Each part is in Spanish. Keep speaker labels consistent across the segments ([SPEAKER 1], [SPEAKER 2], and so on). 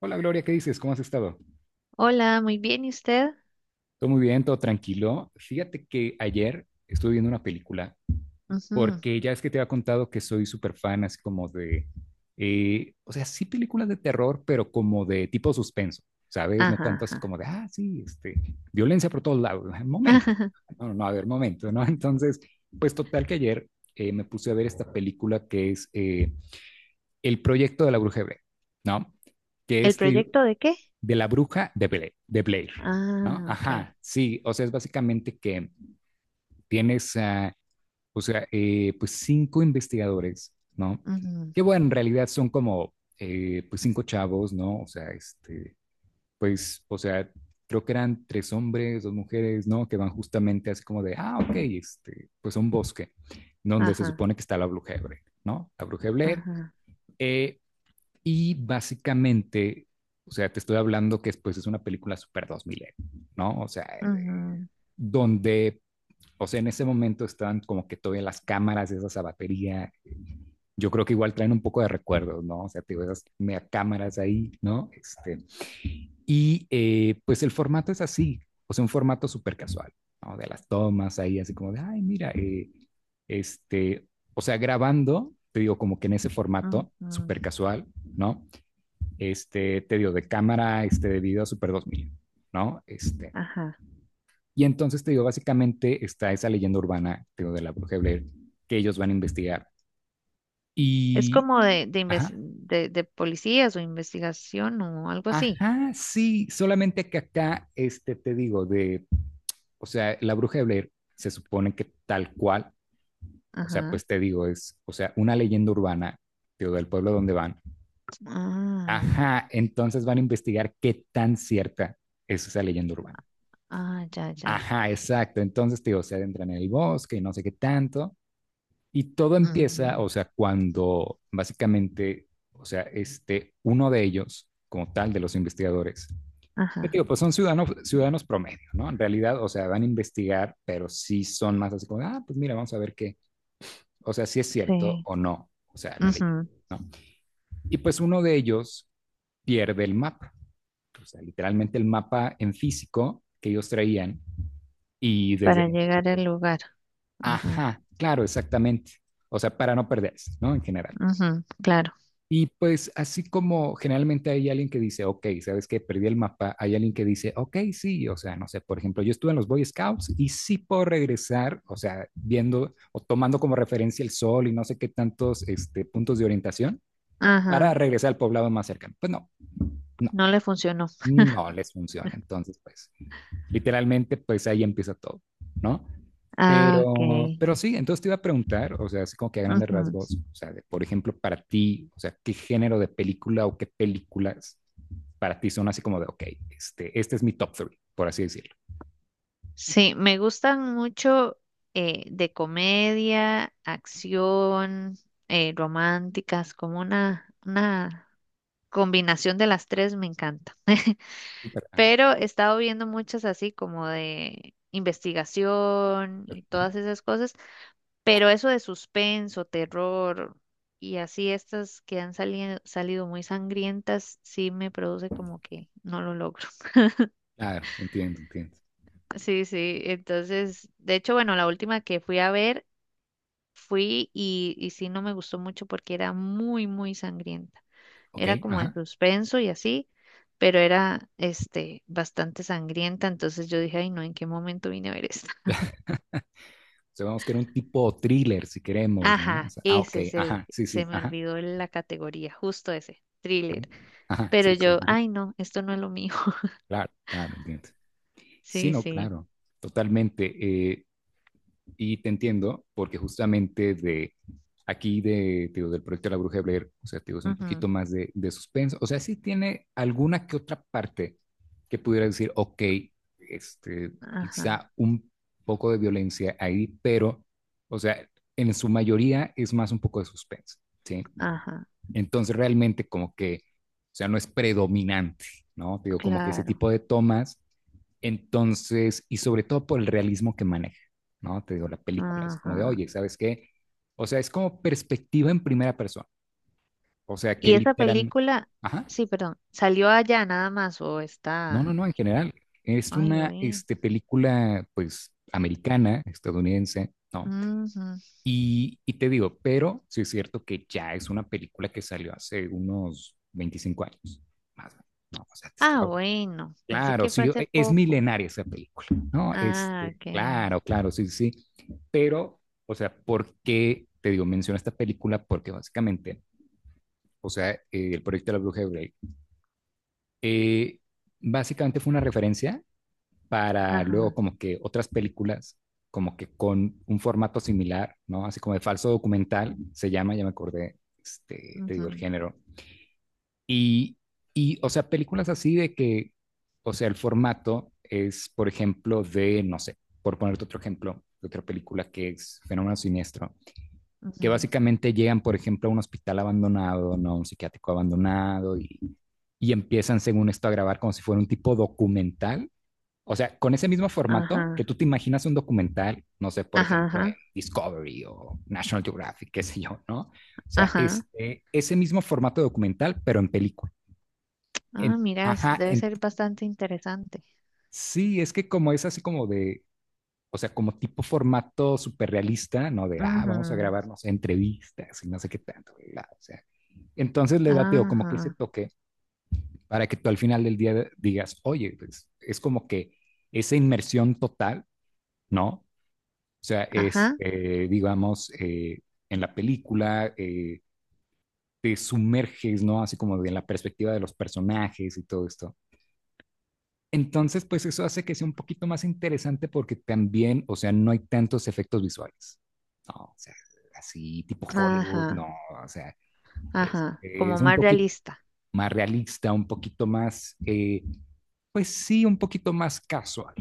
[SPEAKER 1] Hola Gloria, ¿qué dices? ¿Cómo has estado?
[SPEAKER 2] Hola, muy bien, ¿y usted?
[SPEAKER 1] Todo muy bien, todo tranquilo. Fíjate que ayer estuve viendo una película
[SPEAKER 2] Ujú.
[SPEAKER 1] porque ya es que te había contado que soy súper fan así como de, sí películas de terror, pero como de tipo suspenso, ¿sabes? No
[SPEAKER 2] Ajá,
[SPEAKER 1] tanto así
[SPEAKER 2] ajá.
[SPEAKER 1] como de, sí, violencia por todos lados. Momento. No, no, no, a ver, momento, ¿no? Entonces, pues total que ayer me puse a ver esta película que es El proyecto de la bruja Hebrea, ¿no? Que
[SPEAKER 2] ¿El proyecto de qué?
[SPEAKER 1] de la bruja de, de Blair, ¿no?
[SPEAKER 2] Ah, ok.
[SPEAKER 1] Ajá, sí, o sea, es básicamente que tienes, pues cinco investigadores, ¿no?
[SPEAKER 2] Ujú.
[SPEAKER 1] Que bueno, en realidad son como, pues cinco chavos, ¿no? O sea, pues, o sea, creo que eran tres hombres, dos mujeres, ¿no? Que van justamente así como de, ok, pues a un bosque, donde se
[SPEAKER 2] Ajá,
[SPEAKER 1] supone que está la bruja de Blair, ¿no? La bruja de Blair.
[SPEAKER 2] ajá.
[SPEAKER 1] Eh, y básicamente, o sea, te estoy hablando que después es una película super 2000, ¿no? O sea,
[SPEAKER 2] Ujú,
[SPEAKER 1] donde, o sea, en ese momento estaban como que todavía las cámaras, de esas a batería. Yo creo que igual traen un poco de recuerdos, ¿no? O sea, te digo esas mega cámaras ahí, ¿no? Y pues el formato es así, o sea, un formato súper casual, ¿no? De las tomas ahí, así como de, ay, mira, este, o sea, grabando, te digo, como que en ese formato
[SPEAKER 2] ujú.
[SPEAKER 1] súper casual, ¿no? Te digo, de cámara, de video Super 2000, ¿no?
[SPEAKER 2] Ajá.
[SPEAKER 1] Y entonces, te digo, básicamente está esa leyenda urbana, te digo, de la bruja de Blair, que ellos van a investigar.
[SPEAKER 2] Es
[SPEAKER 1] Y,
[SPEAKER 2] como de,
[SPEAKER 1] ajá,
[SPEAKER 2] de policías o investigación o algo así.
[SPEAKER 1] ajá, sí, solamente que acá, te digo, de, o sea, la bruja de Blair se supone que tal cual, o sea,
[SPEAKER 2] Ajá.
[SPEAKER 1] pues te digo, es, o sea, una leyenda urbana, te digo, del pueblo donde van.
[SPEAKER 2] Ah,
[SPEAKER 1] Ajá, entonces van a investigar qué tan cierta es esa leyenda urbana.
[SPEAKER 2] ah, ya, ya.
[SPEAKER 1] Ajá, exacto. Entonces, te digo, se adentran en el bosque y no sé qué tanto. Y todo empieza,
[SPEAKER 2] Ujú.
[SPEAKER 1] o sea, cuando básicamente, o sea, uno de ellos, como tal, de los investigadores, te
[SPEAKER 2] Ajá,
[SPEAKER 1] digo, pues son ciudadanos, ciudadanos promedio, ¿no? En realidad, o sea, van a investigar, pero sí son más así como, pues mira, vamos a ver qué, o sea, si es cierto
[SPEAKER 2] sí.
[SPEAKER 1] o no, o sea, la ley,
[SPEAKER 2] Ujú.
[SPEAKER 1] ¿no? Y pues uno de ellos pierde el mapa, o sea, literalmente el mapa en físico que ellos traían y desde
[SPEAKER 2] Para
[SPEAKER 1] ahí
[SPEAKER 2] llegar al
[SPEAKER 1] pues,
[SPEAKER 2] lugar. Ajá,
[SPEAKER 1] ajá, claro, exactamente. O sea, para no perderse, ¿no? En general.
[SPEAKER 2] ujú. Claro.
[SPEAKER 1] Y pues así como generalmente hay alguien que dice, ok, ¿sabes qué? Perdí el mapa, hay alguien que dice, ok, sí, o sea, no sé, por ejemplo, yo estuve en los Boy Scouts y sí puedo regresar, o sea, viendo o tomando como referencia el sol y no sé qué tantos puntos de orientación para
[SPEAKER 2] Ajá.
[SPEAKER 1] regresar al poblado más cercano. Pues no, no,
[SPEAKER 2] No le funcionó.
[SPEAKER 1] no les funciona. Entonces, pues literalmente, pues ahí empieza todo, ¿no?
[SPEAKER 2] Ah,
[SPEAKER 1] Pero sí, entonces te iba a preguntar, o sea, así como que a grandes
[SPEAKER 2] ok.
[SPEAKER 1] rasgos, o sea, de, por ejemplo, para ti, o sea, ¿qué género de película o qué películas para ti son así como de, ok, este es mi top three, por así decirlo?
[SPEAKER 2] Sí, me gustan mucho de comedia, acción, románticas, como una combinación de las tres me encanta.
[SPEAKER 1] Súper, ajá,
[SPEAKER 2] Pero he estado viendo muchas así como de investigación
[SPEAKER 1] súper,
[SPEAKER 2] y
[SPEAKER 1] ajá.
[SPEAKER 2] todas esas cosas, pero eso de suspenso, terror y así estas que han salido muy sangrientas, sí me produce como que no lo logro.
[SPEAKER 1] Claro, entiendo, entiendo.
[SPEAKER 2] Sí, sí, entonces, de hecho, bueno, la última que fui a ver fui y sí no me gustó mucho porque era muy, muy sangrienta.
[SPEAKER 1] Ok,
[SPEAKER 2] Era como en
[SPEAKER 1] ajá.
[SPEAKER 2] suspenso y así, pero era este bastante sangrienta. Entonces yo dije, ay no, ¿en qué momento vine a ver esta?
[SPEAKER 1] O sea, vamos a querer un tipo thriller si queremos, ¿no? O
[SPEAKER 2] Ajá,
[SPEAKER 1] sea, ok,
[SPEAKER 2] ese es el,
[SPEAKER 1] ajá, sí, sí,
[SPEAKER 2] se me
[SPEAKER 1] ajá.
[SPEAKER 2] olvidó la categoría, justo ese, thriller.
[SPEAKER 1] Ok, ajá,
[SPEAKER 2] Pero
[SPEAKER 1] sí, sí,
[SPEAKER 2] yo,
[SPEAKER 1] ajá.
[SPEAKER 2] ay no, esto no es lo mío.
[SPEAKER 1] Claro, claro, entiendo. Sí,
[SPEAKER 2] Sí,
[SPEAKER 1] no,
[SPEAKER 2] sí.
[SPEAKER 1] claro, totalmente. Y te entiendo, porque justamente de aquí, de, digo, del proyecto de la Bruja de Blair, o sea, digo, es un
[SPEAKER 2] Ujú.
[SPEAKER 1] poquito más de suspenso. O sea, sí tiene alguna que otra parte que pudiera decir, ok, este,
[SPEAKER 2] Ajá,
[SPEAKER 1] quizá un poco de violencia ahí, pero, o sea, en su mayoría es más un poco de suspenso, ¿sí?
[SPEAKER 2] ajá,
[SPEAKER 1] Entonces realmente como que, o sea, no es predominante, ¿no? Digo, como que ese
[SPEAKER 2] claro.
[SPEAKER 1] tipo de tomas, entonces, y sobre todo por el realismo que maneja, ¿no? Te digo, la película, así como de,
[SPEAKER 2] Ajá.
[SPEAKER 1] oye, ¿sabes qué? O sea, es como perspectiva en primera persona, o sea, que
[SPEAKER 2] Y esa
[SPEAKER 1] literal,
[SPEAKER 2] película,
[SPEAKER 1] ajá,
[SPEAKER 2] sí, perdón, ¿salió allá nada más o
[SPEAKER 1] no, no,
[SPEAKER 2] está?
[SPEAKER 1] no, en general, es
[SPEAKER 2] Ay,
[SPEAKER 1] una
[SPEAKER 2] oí.
[SPEAKER 1] película, pues, americana, estadounidense, ¿no?
[SPEAKER 2] Ujú.
[SPEAKER 1] Y te digo, pero sí es cierto que ya es una película que salió hace unos 25 años, más o menos, ¿no? O sea, te estoy
[SPEAKER 2] Ah, bueno, pensé
[SPEAKER 1] Claro,
[SPEAKER 2] que fue
[SPEAKER 1] sí,
[SPEAKER 2] hace
[SPEAKER 1] es
[SPEAKER 2] poco.
[SPEAKER 1] milenaria esa película, ¿no?
[SPEAKER 2] Ah, ok.
[SPEAKER 1] Claro, claro, sí, sí. sí, Pero, o sea, ¿por qué te digo, menciono esta película? Porque básicamente, o sea, el proyecto de la Bruja de Blair, eh, básicamente fue una referencia para luego
[SPEAKER 2] Ajá,
[SPEAKER 1] como que otras películas, como que con un formato similar, ¿no? Así como de falso documental, se llama, ya me acordé, te digo el
[SPEAKER 2] ujú,
[SPEAKER 1] género. Y, y, o sea, películas así de que, o sea, el formato es, por ejemplo, de, no sé, por ponerte otro ejemplo, de otra película que es Fenómeno Siniestro, que
[SPEAKER 2] ujú.
[SPEAKER 1] básicamente llegan, por ejemplo, a un hospital abandonado, ¿no? Un psiquiátrico abandonado y empiezan, según esto, a grabar como si fuera un tipo documental o sea, con ese mismo formato que
[SPEAKER 2] Ajá,
[SPEAKER 1] tú te imaginas un documental, no sé, por
[SPEAKER 2] ajá,
[SPEAKER 1] ejemplo, en
[SPEAKER 2] ajá,
[SPEAKER 1] Discovery o National Geographic, qué sé yo, ¿no? O sea,
[SPEAKER 2] ajá.
[SPEAKER 1] ese mismo formato documental, pero en película.
[SPEAKER 2] Ah,
[SPEAKER 1] En,
[SPEAKER 2] mira, s-
[SPEAKER 1] ajá,
[SPEAKER 2] debe
[SPEAKER 1] en,
[SPEAKER 2] ser bastante interesante.
[SPEAKER 1] sí, es que como es así como de, o sea, como tipo formato superrealista, ¿no? De, vamos a
[SPEAKER 2] Ujú.
[SPEAKER 1] grabarnos entrevistas y no sé qué tanto, ¿verdad? O sea, entonces le da, Teo, como que ese
[SPEAKER 2] Ajá,
[SPEAKER 1] toque para que tú al final del día digas, oye, pues es como que esa inmersión total, ¿no? O sea, es,
[SPEAKER 2] ajá,
[SPEAKER 1] digamos, en la película te sumerges, ¿no? Así como de la perspectiva de los personajes y todo esto. Entonces, pues eso hace que sea un poquito más interesante porque también, o sea, no hay tantos efectos visuales. No, o sea, así tipo Hollywood,
[SPEAKER 2] ajá,
[SPEAKER 1] no, o sea,
[SPEAKER 2] ajá. Como
[SPEAKER 1] es un
[SPEAKER 2] más
[SPEAKER 1] poquito
[SPEAKER 2] realista.
[SPEAKER 1] más realista, un poquito más pues sí, un poquito más casual,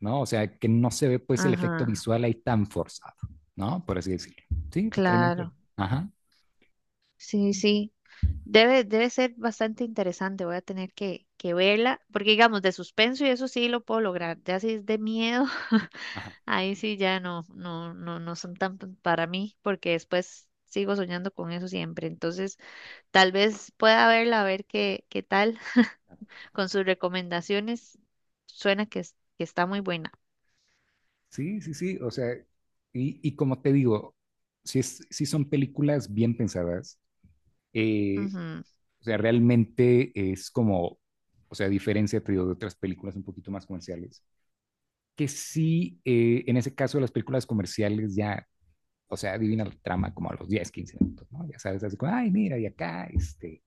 [SPEAKER 1] ¿no? O sea, que no se ve pues el efecto
[SPEAKER 2] Ajá,
[SPEAKER 1] visual ahí tan forzado, ¿no? Por así decirlo. Sí, totalmente.
[SPEAKER 2] claro.
[SPEAKER 1] Ajá,
[SPEAKER 2] Sí, sí. Debe, debe ser bastante interesante. Voy a tener que verla, porque digamos, de suspenso y eso sí lo puedo lograr. Ya si es de miedo.
[SPEAKER 1] ajá.
[SPEAKER 2] Ahí sí ya no, no, no, no son tan p- para mí, porque después sigo soñando con eso siempre. Entonces, tal vez pueda verla, a ver qué, qué tal. Con sus recomendaciones. Suena que, es- que está muy buena.
[SPEAKER 1] Sí, sí, sí. O sea, y como te digo, sí, sí son películas bien pensadas. eh,
[SPEAKER 2] Ujú,
[SPEAKER 1] o sea, realmente es como, o sea, a diferencia te digo, de otras películas un poquito más comerciales, que sí, en ese caso las películas comerciales ya, o sea, adivinan la trama como a los 10 15 minutos, ¿no? Ya sabes, así como, ay, mira, y acá, este,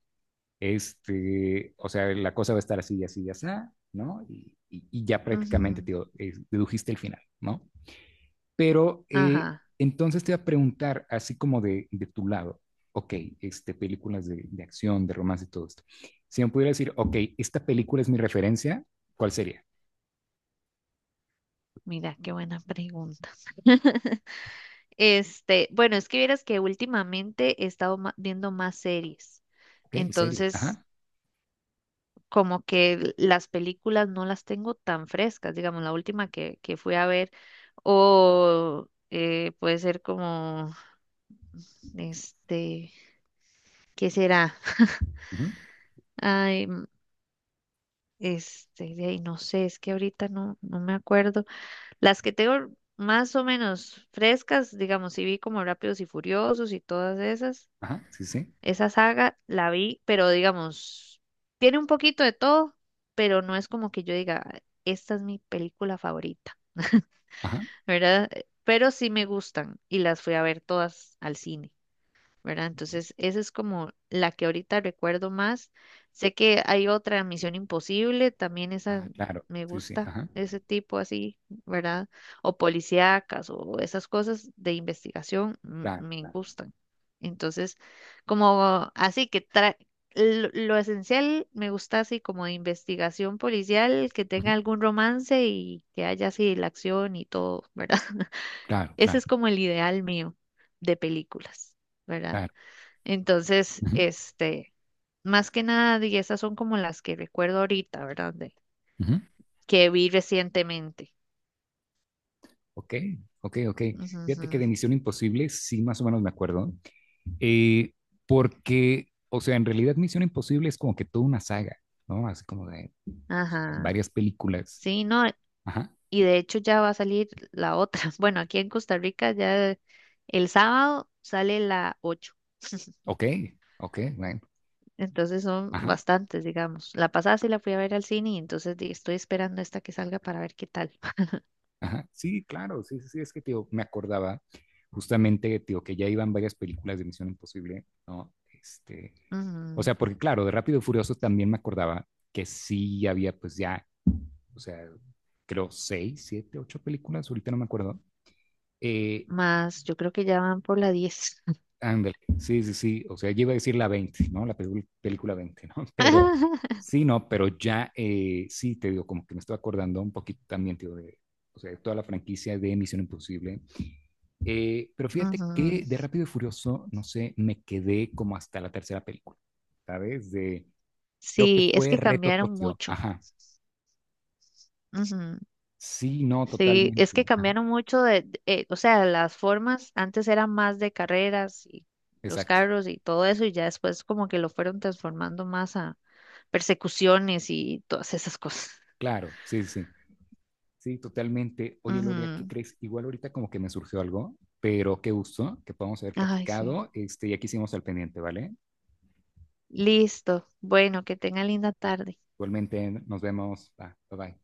[SPEAKER 1] este, o sea, la cosa va a estar así y así y así, ¿no? Y, y ya prácticamente
[SPEAKER 2] ujú.
[SPEAKER 1] te dedujiste el final, ¿no? Pero
[SPEAKER 2] Ajá,
[SPEAKER 1] entonces te voy a preguntar, así como de tu lado, ok, películas de acción, de romance y todo esto. Si me pudiera decir, ok, esta película es mi referencia, ¿cuál sería?
[SPEAKER 2] mira, qué buena pregunta. Este, bueno, es que vieras que últimamente he estado ma- viendo más series.
[SPEAKER 1] Ok, series,
[SPEAKER 2] Entonces,
[SPEAKER 1] ajá,
[SPEAKER 2] como que las películas no las tengo tan frescas, digamos, la última que fui a ver, o puede ser como, este, ¿qué será?
[SPEAKER 1] ujú,
[SPEAKER 2] Ay, m- este, de ahí no sé, es que ahorita no me acuerdo. Las que tengo más o menos frescas, digamos, sí vi como Rápidos y Furiosos y todas esas.
[SPEAKER 1] ajá, sí, sí,
[SPEAKER 2] Esa saga la vi, pero digamos, tiene un poquito de todo, pero no es como que yo diga, esta es mi película favorita.
[SPEAKER 1] ajá,
[SPEAKER 2] ¿Verdad? Pero sí me gustan y las fui a ver todas al cine. ¿Verdad?
[SPEAKER 1] ujú,
[SPEAKER 2] Entonces, esa es como la que ahorita recuerdo más. Sé que hay otra Misión Imposible, también esa
[SPEAKER 1] ah, claro,
[SPEAKER 2] me
[SPEAKER 1] sí, sí,
[SPEAKER 2] gusta,
[SPEAKER 1] ajá,
[SPEAKER 2] ese tipo así, ¿verdad? O policíacas o esas cosas de investigación. Mm,
[SPEAKER 1] claro,
[SPEAKER 2] me
[SPEAKER 1] claro,
[SPEAKER 2] gustan. Entonces, como así que tra- lo esencial me gusta así como de investigación policial, que
[SPEAKER 1] ujú,
[SPEAKER 2] tenga algún romance y que haya así la acción y todo, ¿verdad?
[SPEAKER 1] claro,
[SPEAKER 2] Ese
[SPEAKER 1] claro,
[SPEAKER 2] es como el ideal mío de películas, ¿verdad?
[SPEAKER 1] claro,
[SPEAKER 2] Entonces,
[SPEAKER 1] ujú,
[SPEAKER 2] este, más que nada, y esas son como las que recuerdo ahorita, ¿verdad? De-
[SPEAKER 1] ujú,
[SPEAKER 2] que vi recientemente.
[SPEAKER 1] Ok, ok, ok.
[SPEAKER 2] Ujú,
[SPEAKER 1] Fíjate que
[SPEAKER 2] ujú.
[SPEAKER 1] de Misión Imposible sí más o menos me acuerdo, eh, porque, o sea, en realidad Misión Imposible es como que toda una saga, ¿no? Así como de pues,
[SPEAKER 2] Ajá.
[SPEAKER 1] varias películas.
[SPEAKER 2] Sí, no,
[SPEAKER 1] Ajá,
[SPEAKER 2] y de hecho ya va a salir la otra. Bueno, aquí en Costa Rica ya el sábado sale la 8.
[SPEAKER 1] ok, ok, bueno,
[SPEAKER 2] Entonces son
[SPEAKER 1] ajá,
[SPEAKER 2] bastantes, digamos. La pasada sí la fui a ver al cine y entonces di- estoy esperando esta que salga para ver qué tal.
[SPEAKER 1] ajá. Sí, claro, sí, sí, sí, es que, tío, me acordaba justamente, tío, que ya iban varias películas de Misión Imposible, ¿no? O
[SPEAKER 2] Ujú.
[SPEAKER 1] sea, porque claro, de Rápido y Furioso también me acordaba que sí había, pues ya o sea, creo 6, 7, 8 películas, ahorita no me acuerdo. Eh,
[SPEAKER 2] Más, yo creo que ya van por la 10.
[SPEAKER 1] ándale, sí, sí, sí, o sea, yo iba a decir la 20, ¿no? La película 20, ¿no? Pero sí, no, pero ya sí, te digo, como que me estoy acordando un poquito también, tío, de, o sea, de toda la franquicia de Misión Imposible. Pero fíjate
[SPEAKER 2] Ujú.
[SPEAKER 1] que de Rápido y Furioso, no sé, me quedé como hasta la tercera película, ¿sabes? De, creo que
[SPEAKER 2] Sí, es
[SPEAKER 1] fue
[SPEAKER 2] que
[SPEAKER 1] Reto
[SPEAKER 2] cambiaron
[SPEAKER 1] Tokio,
[SPEAKER 2] mucho.
[SPEAKER 1] ajá.
[SPEAKER 2] Ujú.
[SPEAKER 1] Sí, no,
[SPEAKER 2] Sí, es
[SPEAKER 1] totalmente.
[SPEAKER 2] que
[SPEAKER 1] Ajá,
[SPEAKER 2] cambiaron mucho de, o sea, las formas antes eran más de carreras y los
[SPEAKER 1] Exacto,
[SPEAKER 2] carros y todo eso y ya después como que lo fueron transformando más a persecuciones y todas esas cosas.
[SPEAKER 1] claro, sí, sí. sí. Sí, totalmente. Oye, Loria, ¿qué
[SPEAKER 2] Ujú.
[SPEAKER 1] crees? Igual ahorita como que me surgió algo, pero qué gusto que podamos haber
[SPEAKER 2] Ay, sí.
[SPEAKER 1] platicado, y aquí hicimos al pendiente, ¿vale?
[SPEAKER 2] Listo. Bueno, que tenga linda tarde.
[SPEAKER 1] Igualmente, nos vemos. Va, bye bye.